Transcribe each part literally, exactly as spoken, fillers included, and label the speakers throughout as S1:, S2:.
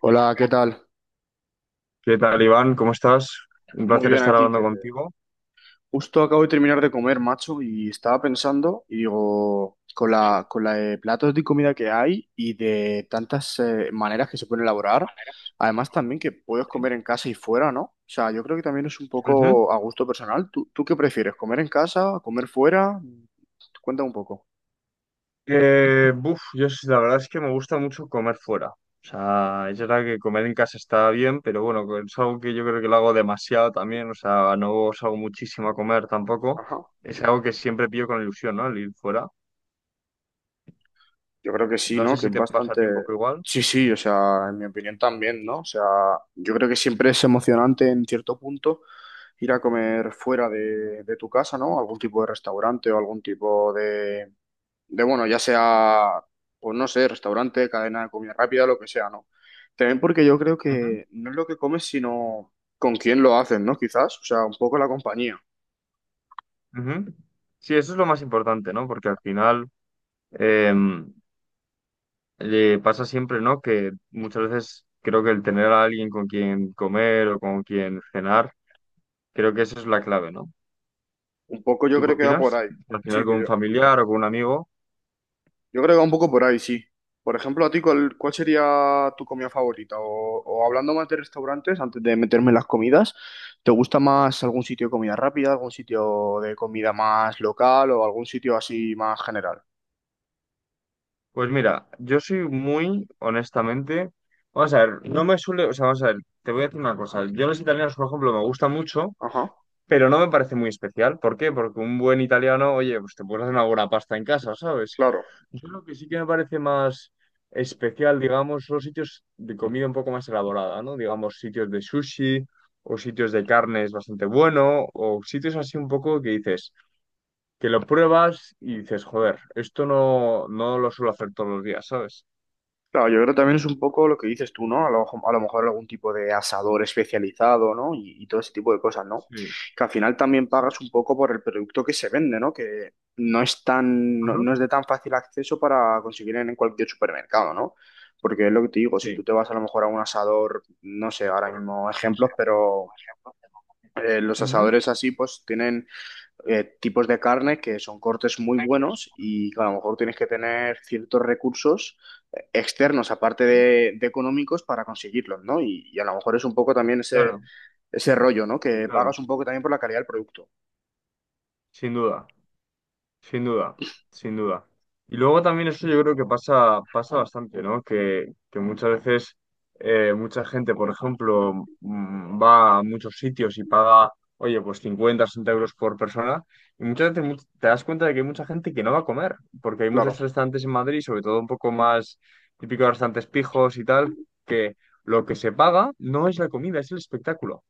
S1: Hola, ¿qué tal?
S2: ¿Qué tal, Iván? ¿Cómo estás? Un
S1: Muy
S2: placer
S1: bien
S2: estar
S1: aquí, que
S2: hablando contigo.
S1: justo acabo de terminar de comer, macho, y estaba pensando, y digo, con
S2: Sí, de
S1: la, con la de platos de comida que hay y de tantas eh, maneras que se pueden elaborar,
S2: manera,
S1: además también que puedes
S2: sí.
S1: comer en casa y fuera, ¿no? O sea, yo creo que también es un
S2: Ujú.
S1: poco a gusto personal. ¿Tú, tú qué prefieres? ¿Comer en casa? ¿Comer fuera? Cuéntame un poco.
S2: Eh, buf, yo sí, la verdad es que me gusta mucho comer fuera. O sea, es verdad que comer en casa está bien, pero bueno, es algo que yo creo que lo hago demasiado también. O sea, no salgo muchísimo a comer tampoco.
S1: Ajá.
S2: Es algo que siempre pillo con ilusión, ¿no? El ir fuera.
S1: Yo creo que sí,
S2: No
S1: ¿no?
S2: sé
S1: Que
S2: si
S1: es
S2: te pasa a
S1: bastante.
S2: ti un poco igual.
S1: Sí, sí, o sea, en mi opinión también, ¿no? O sea, yo creo que siempre es emocionante en cierto punto ir a comer fuera de, de tu casa, ¿no? Algún tipo de restaurante o algún tipo de, de, bueno, ya sea, pues no sé, restaurante, cadena de comida rápida, lo que sea, ¿no? También porque yo creo
S2: Ujú,
S1: que no es lo que comes, sino con quién lo haces, ¿no? Quizás, o sea, un poco la compañía.
S2: ujú. Sí, eso es lo más importante, ¿no? Porque al final, em, Eh, pasa siempre, ¿no? Que muchas veces creo que el tener a alguien con quien comer o con quien cenar, creo que esa es la clave, ¿no?
S1: Un poco yo
S2: ¿Tú qué
S1: creo que va por
S2: opinas?
S1: ahí.
S2: Al final
S1: Sí,
S2: con
S1: que
S2: un
S1: yo.
S2: familiar o con un amigo.
S1: Yo creo que va un poco por ahí, sí. Por ejemplo, a ti, ¿cuál, cuál sería tu comida favorita? O, o hablando más de restaurantes, antes de meterme en las comidas, ¿te gusta más algún sitio de comida rápida, algún sitio de comida más local o algún sitio así más general?
S2: Pues mira, yo soy muy, honestamente, vamos a ver, no me suele, o sea, vamos a ver, te voy a decir una cosa. Yo los italianos, por ejemplo, me gusta mucho,
S1: Ajá,
S2: pero no me parece muy especial. ¿Por qué? Porque un buen italiano, oye, pues te puedes hacer una buena pasta en casa, ¿sabes?
S1: claro.
S2: Yo lo que sí que me parece más especial, digamos, son los sitios de comida un poco más elaborada, ¿no? Digamos, sitios de sushi o sitios de carnes bastante bueno o sitios así un poco que dices, que lo pruebas y dices, joder, esto no, no lo suelo hacer todos los días, ¿sabes?
S1: Claro, yo creo que también es un poco lo que dices tú, ¿no? A lo, a lo mejor algún tipo de asador especializado, ¿no? Y, y todo ese tipo de cosas, ¿no?
S2: Sí,
S1: Que al final también
S2: sí.
S1: pagas un poco por el producto que se vende, ¿no? Que no es tan, no,
S2: Ajá.
S1: no es de tan fácil acceso para conseguir en cualquier supermercado, ¿no? Porque es lo que te digo, si tú
S2: Sí.
S1: te vas a lo mejor a un asador, no sé, ahora
S2: Por-
S1: mismo
S2: no sé,
S1: ejemplos, pero
S2: por ejemplo.
S1: eh, los
S2: Ujú.
S1: asadores así, pues tienen eh, tipos de carne que son cortes muy
S2: Gracias.
S1: buenos y que a lo mejor tienes que tener ciertos recursos eh, externos, aparte
S2: Sí,
S1: de, de económicos, para conseguirlos, ¿no? Y, y a lo mejor es un poco también ese,
S2: claro,
S1: ese rollo, ¿no? Que
S2: claro,
S1: pagas un poco también por la calidad del producto.
S2: sin duda. Sin duda, sin duda. Y luego también eso yo creo que pasa, pasa bastante, ¿no? Que, que muchas veces eh, mucha gente, por ejemplo, mm, va a muchos sitios y paga, oye, pues cincuenta, sesenta euros por persona. Y muchas veces much- te das cuenta de que hay mucha gente que no va a comer, porque hay muchos
S1: Claro.
S2: restaurantes en Madrid, sobre todo un poco más típicos restaurantes pijos y tal, que lo que se paga no es la comida, es el espectáculo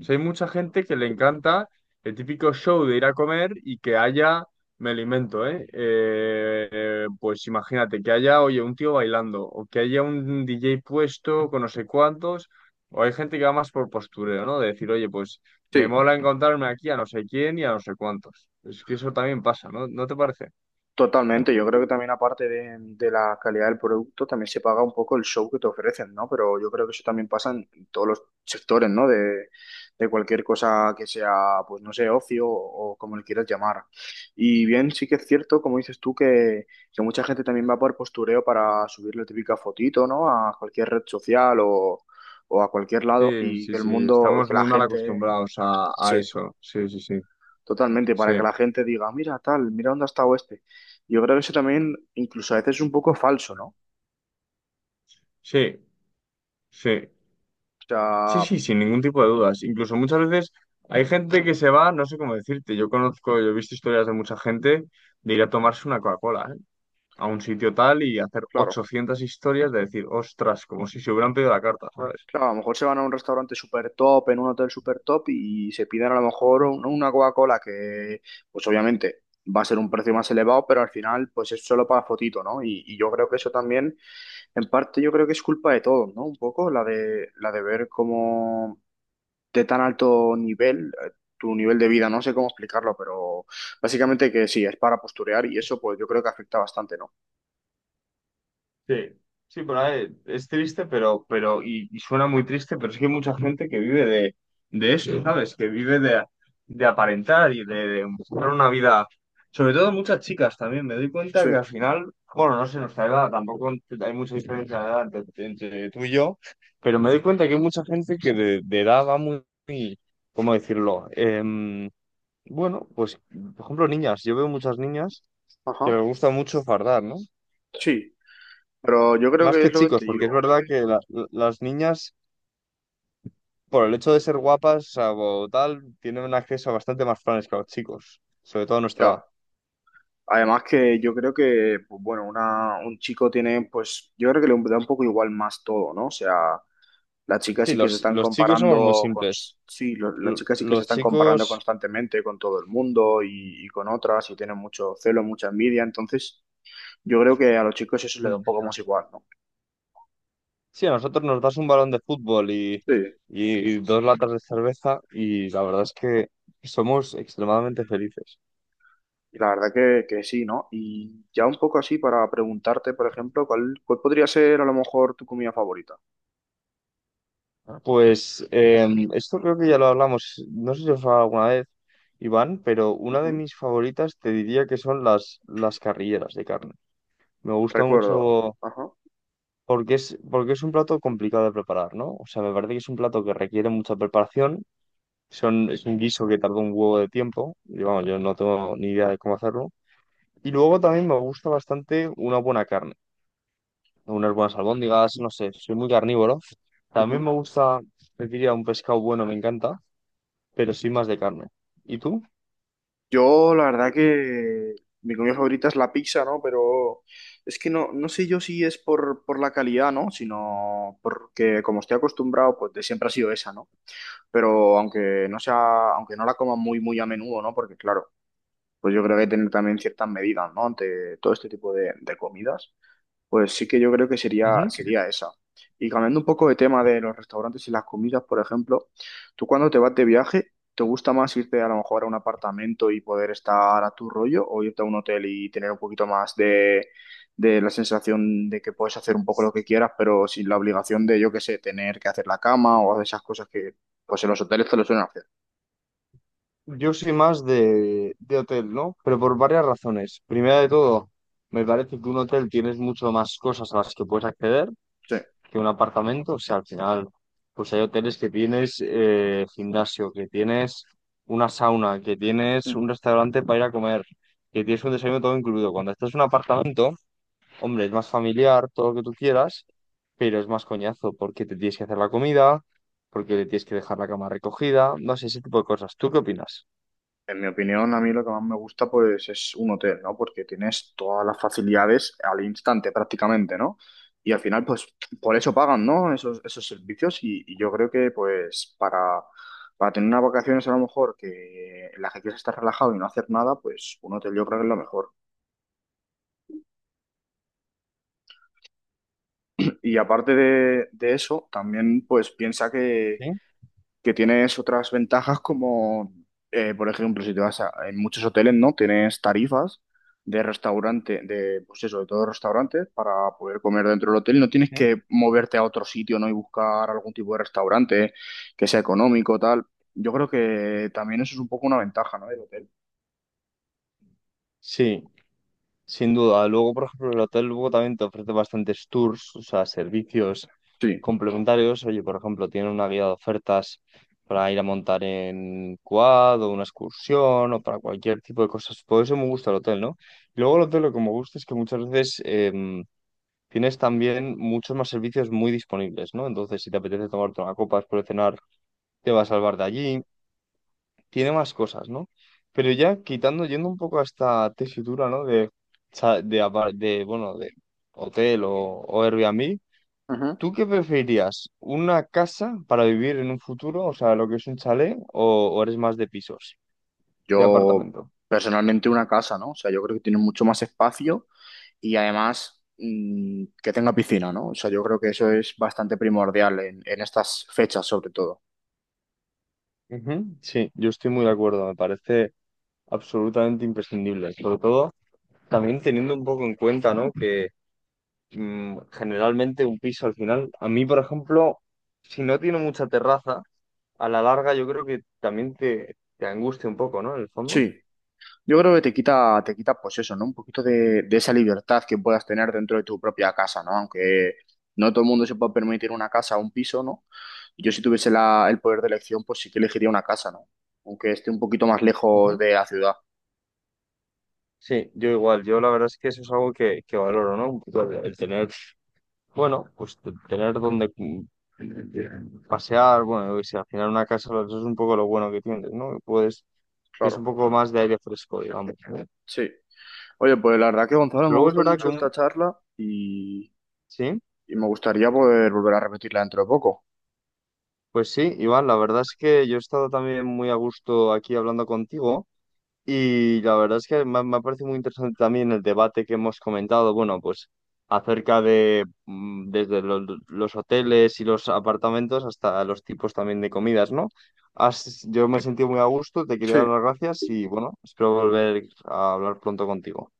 S2: sea, hay mucha gente que le encanta el típico show de ir a comer y que haya, me lo invento, ¿eh? Eh, eh, pues imagínate, que haya, oye, un tío bailando, o que haya un D J puesto con no sé cuántos, o hay gente que va más por postureo, ¿no? De decir, oye, pues me
S1: Sí,
S2: mola encontrarme aquí a no sé quién y a no sé cuántos. Es que eso también pasa, ¿no? ¿No te parece?
S1: totalmente, yo creo que también aparte de, de la calidad del producto, también se paga un poco el show que te ofrecen, ¿no? Pero yo creo que eso también pasa en todos los sectores, ¿no? De, de cualquier cosa que sea, pues no sé, ocio o, como le quieras llamar. Y bien, sí que es cierto, como dices tú, que, que mucha gente también va por postureo para subir la típica fotito, ¿no? A cualquier red social o, o a cualquier lado
S2: Sí,
S1: y
S2: sí,
S1: que el
S2: sí,
S1: mundo,
S2: estamos
S1: que la
S2: muy mal
S1: gente.
S2: acostumbrados a, a
S1: Sí.
S2: eso. Sí, sí, sí.
S1: Totalmente,
S2: Sí,
S1: para que la gente diga, mira tal, mira dónde ha estado este. Yo creo que eso también, incluso a veces es un poco falso, ¿no? O
S2: sí, sí. Sí,
S1: sea,
S2: sí, sin ningún tipo de dudas. Incluso muchas veces hay gente que se va, no sé cómo decirte, yo conozco, yo he visto historias de mucha gente de ir a tomarse una Coca-Cola, ¿eh? A un sitio tal y hacer
S1: claro,
S2: ochocientas historias de decir, ostras, como si se hubieran pedido la carta, ¿sabes?
S1: claro, a lo mejor se van a un restaurante súper top, en un hotel súper top y se piden a lo mejor un- una Coca-Cola que, pues obviamente va a ser un precio más elevado, pero al final, pues es solo para fotito, ¿no? Y, y yo creo que eso también, en parte, yo creo que es culpa de todos, ¿no? Un poco la de, la de ver cómo de tan alto nivel, eh, tu nivel de vida, no sé cómo explicarlo, pero básicamente que sí, es para posturear y eso pues yo creo que afecta bastante, ¿no?
S2: Sí, sí, pero eh, es triste, pero, pero, y, y suena muy triste, pero es que hay mucha gente que vive de, de eso, ¿sabes? Que vive de, de aparentar y de, de buscar una vida. Sobre todo muchas chicas también. Me doy
S1: Sí,
S2: cuenta que al final, bueno, no sé, nuestra edad, tampoco hay mucha diferencia de edad entre, entre tú y yo, pero me doy cuenta que hay mucha gente que de, de edad va muy, muy- ¿cómo decirlo? Em, bueno, pues, por ejemplo, niñas. Yo veo muchas niñas que
S1: ajá,
S2: les gusta mucho fardar, ¿no?
S1: sí, pero yo creo
S2: Más
S1: que
S2: que
S1: es lo que
S2: chicos,
S1: te
S2: porque es
S1: digo,
S2: verdad que la- la- las niñas, por el hecho de ser guapas o sea, o tal, tienen un acceso a bastante más planes que los chicos, sobre todo a nuestra
S1: ya.
S2: edad.
S1: Además que yo creo que, pues bueno, una, un chico tiene, pues yo creo que le da un poco igual más todo, ¿no? O sea, las chicas
S2: Sí,
S1: sí que se
S2: los,
S1: están
S2: los chicos somos muy
S1: comparando con,
S2: simples.
S1: sí, lo- las
S2: Lo-
S1: chicas sí que se
S2: Los
S1: están comparando
S2: chicos,
S1: constantemente con todo el mundo y, y con otras y tienen mucho celo, mucha envidia, entonces. Yo creo que a los chicos eso les da
S2: mm,
S1: un poco más igual, ¿no?
S2: sí, a nosotros nos das un balón de fútbol y,
S1: Sí.
S2: y dos latas de cerveza y la verdad es que somos extremadamente felices.
S1: Y la verdad que, que sí, ¿no? Y ya un poco así para preguntarte, por ejemplo, ¿cuál, cuál podría ser a lo mejor tu comida favorita?
S2: Pues eh, esto creo que ya lo hablamos, no sé si os he hablado alguna vez, Iván, pero una de
S1: Ujú,
S2: mis favoritas te diría que son las, las carrilleras de carne. Me gusta
S1: recuerdo,
S2: mucho
S1: ajá.
S2: porque es, porque es un plato complicado de preparar, ¿no? O sea, me parece que es un plato que requiere mucha preparación, son, es un guiso que tarda un huevo de tiempo, y vamos, yo no tengo ni idea de cómo hacerlo. Y luego también me gusta bastante una buena carne, unas buenas albóndigas, no sé, soy muy carnívoro. También
S1: Ujú.
S2: me gusta, te diría, un pescado bueno, me encanta. Pero sí más de carne. ¿Y tú?
S1: Yo la verdad que mi comida favorita es la pizza, ¿no? Pero es que no, no sé yo si es por, por la calidad, ¿no? Sino porque como estoy acostumbrado, pues de siempre ha sido esa, ¿no? Pero aunque no sea, aunque no la coma muy, muy a menudo, ¿no? Porque claro, pues yo creo que hay que tener también ciertas medidas, ¿no? Ante todo este tipo de, de comidas, pues sí que yo creo que sería,
S2: Ujú.
S1: sería esa. Y cambiando un poco de tema de los restaurantes y las comidas, por ejemplo, tú cuando te vas de viaje, ¿te gusta más irte a lo mejor a un apartamento y poder estar a tu rollo o irte a un hotel y tener un poquito más de, de la sensación de que puedes hacer un poco lo que quieras, pero sin la obligación de, yo qué sé, tener que hacer la cama o esas cosas que pues en los hoteles te lo suelen hacer?
S2: Yo soy más de, de hotel, ¿no? Pero por varias razones. Primera de todo, me parece que un hotel tienes mucho más cosas a las que puedes acceder que un apartamento. O sea, al final, pues hay hoteles que tienes eh, gimnasio, que tienes una sauna, que tienes
S1: Sí.
S2: un restaurante para ir a comer, que tienes un desayuno todo incluido. Cuando estás en un apartamento, hombre, es más familiar, todo lo que tú quieras, pero es más coñazo porque te tienes que hacer la comida, porque le tienes que dejar la cama recogida, no sé, ese tipo de cosas. ¿Tú qué opinas?
S1: En mi opinión, a mí lo que más me gusta pues es un hotel, ¿no? Porque tienes todas las facilidades al instante prácticamente, ¿no? Y al final pues por eso pagan, ¿no? Esos, esos servicios y, y yo creo que pues para, para tener unas vacaciones a lo mejor que en las que quieres estar relajado y no hacer nada, pues un hotel yo creo que es lo mejor. Y aparte de, de eso, también pues piensa que
S2: ¿Sí?
S1: que tienes otras ventajas como, eh, por ejemplo, si te vas a, en muchos hoteles, ¿no? Tienes tarifas de restaurante, de, pues eso, de todos los restaurantes para poder comer dentro del hotel. No tienes
S2: ¿Mm?
S1: que moverte a otro sitio, ¿no? Y buscar algún tipo de restaurante que sea económico, tal. Yo creo que también eso es un poco una ventaja, ¿no? Del hotel.
S2: Sí, sin duda. Luego, por ejemplo, el hotel luego también te ofrece bastantes tours, o sea, servicios
S1: Sí.
S2: complementarios. Oye, por ejemplo, tienen una guía de ofertas para ir a montar en quad o una excursión o para cualquier tipo de cosas. Por eso me gusta el hotel, ¿no? Y luego el hotel lo que me gusta es que muchas veces, em, tienes también muchos más servicios muy disponibles, ¿no? Entonces, si te apetece tomarte una copa después de cenar, te va a salvar de allí. Tiene más cosas, ¿no? Pero ya quitando, yendo un poco a esta tesitura, ¿no? De, cha- de, apa- de, bueno, de hotel o, o Airbnb,
S1: Ujú.
S2: ¿tú qué preferirías? ¿Una casa para vivir en un futuro? O sea, lo que es un chalet, o, o eres más de pisos, de
S1: Yo
S2: apartamento?
S1: personalmente una casa, ¿no? O sea, yo creo que tiene mucho más espacio y además mm, que tenga piscina, ¿no? O sea, yo creo que eso es bastante primordial en, en estas fechas, sobre todo.
S2: Ujú, sí, yo estoy muy de acuerdo, me parece absolutamente imprescindible, sobre todo también teniendo un poco en cuenta, ¿no? Que mm, generalmente un piso al final. A mí, por ejemplo, si no tiene mucha terraza, a la larga yo creo que también te, te angustia un poco, ¿no? En el fondo.
S1: Sí, yo creo que te quita, te quita, pues eso, ¿no? Un poquito de, de esa libertad que puedas tener dentro de tu propia casa, ¿no? Aunque no todo el mundo se pueda permitir una casa o un piso, ¿no? Yo si tuviese la- el poder de elección, pues sí que elegiría una casa, ¿no? Aunque esté un poquito más lejos
S2: Ujú.
S1: de la ciudad,
S2: Sí, yo igual, yo la verdad es que eso es algo que, que valoro, ¿no? Un poco el, el tener, bueno, pues t- tener donde mm, pasear, bueno, yo qué sé, al final una casa eso es un poco lo bueno que tienes, ¿no? Que puedes, es un
S1: claro.
S2: poco más de aire fresco, digamos, ¿no?
S1: Sí. Oye, pues la verdad que Gonzalo, me
S2: Luego es
S1: gustó
S2: verdad que
S1: mucho
S2: un,
S1: esta charla y,
S2: sí.
S1: y me gustaría poder volver a repetirla dentro de poco.
S2: Pues sí, Iván, la verdad es que yo he estado también muy a gusto aquí hablando contigo y la verdad es que me, ha me ha parecido muy interesante también el debate que hemos comentado, bueno, pues acerca de mm, desde lo- los hoteles y los apartamentos hasta los tipos también de comidas, ¿no? Has- yo me he sentido muy a gusto, te quería
S1: Sí,
S2: dar las gracias y bueno, espero volver a hablar pronto contigo.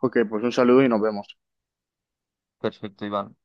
S1: ok, pues un saludo y nos vemos.
S2: Perfecto, Iván.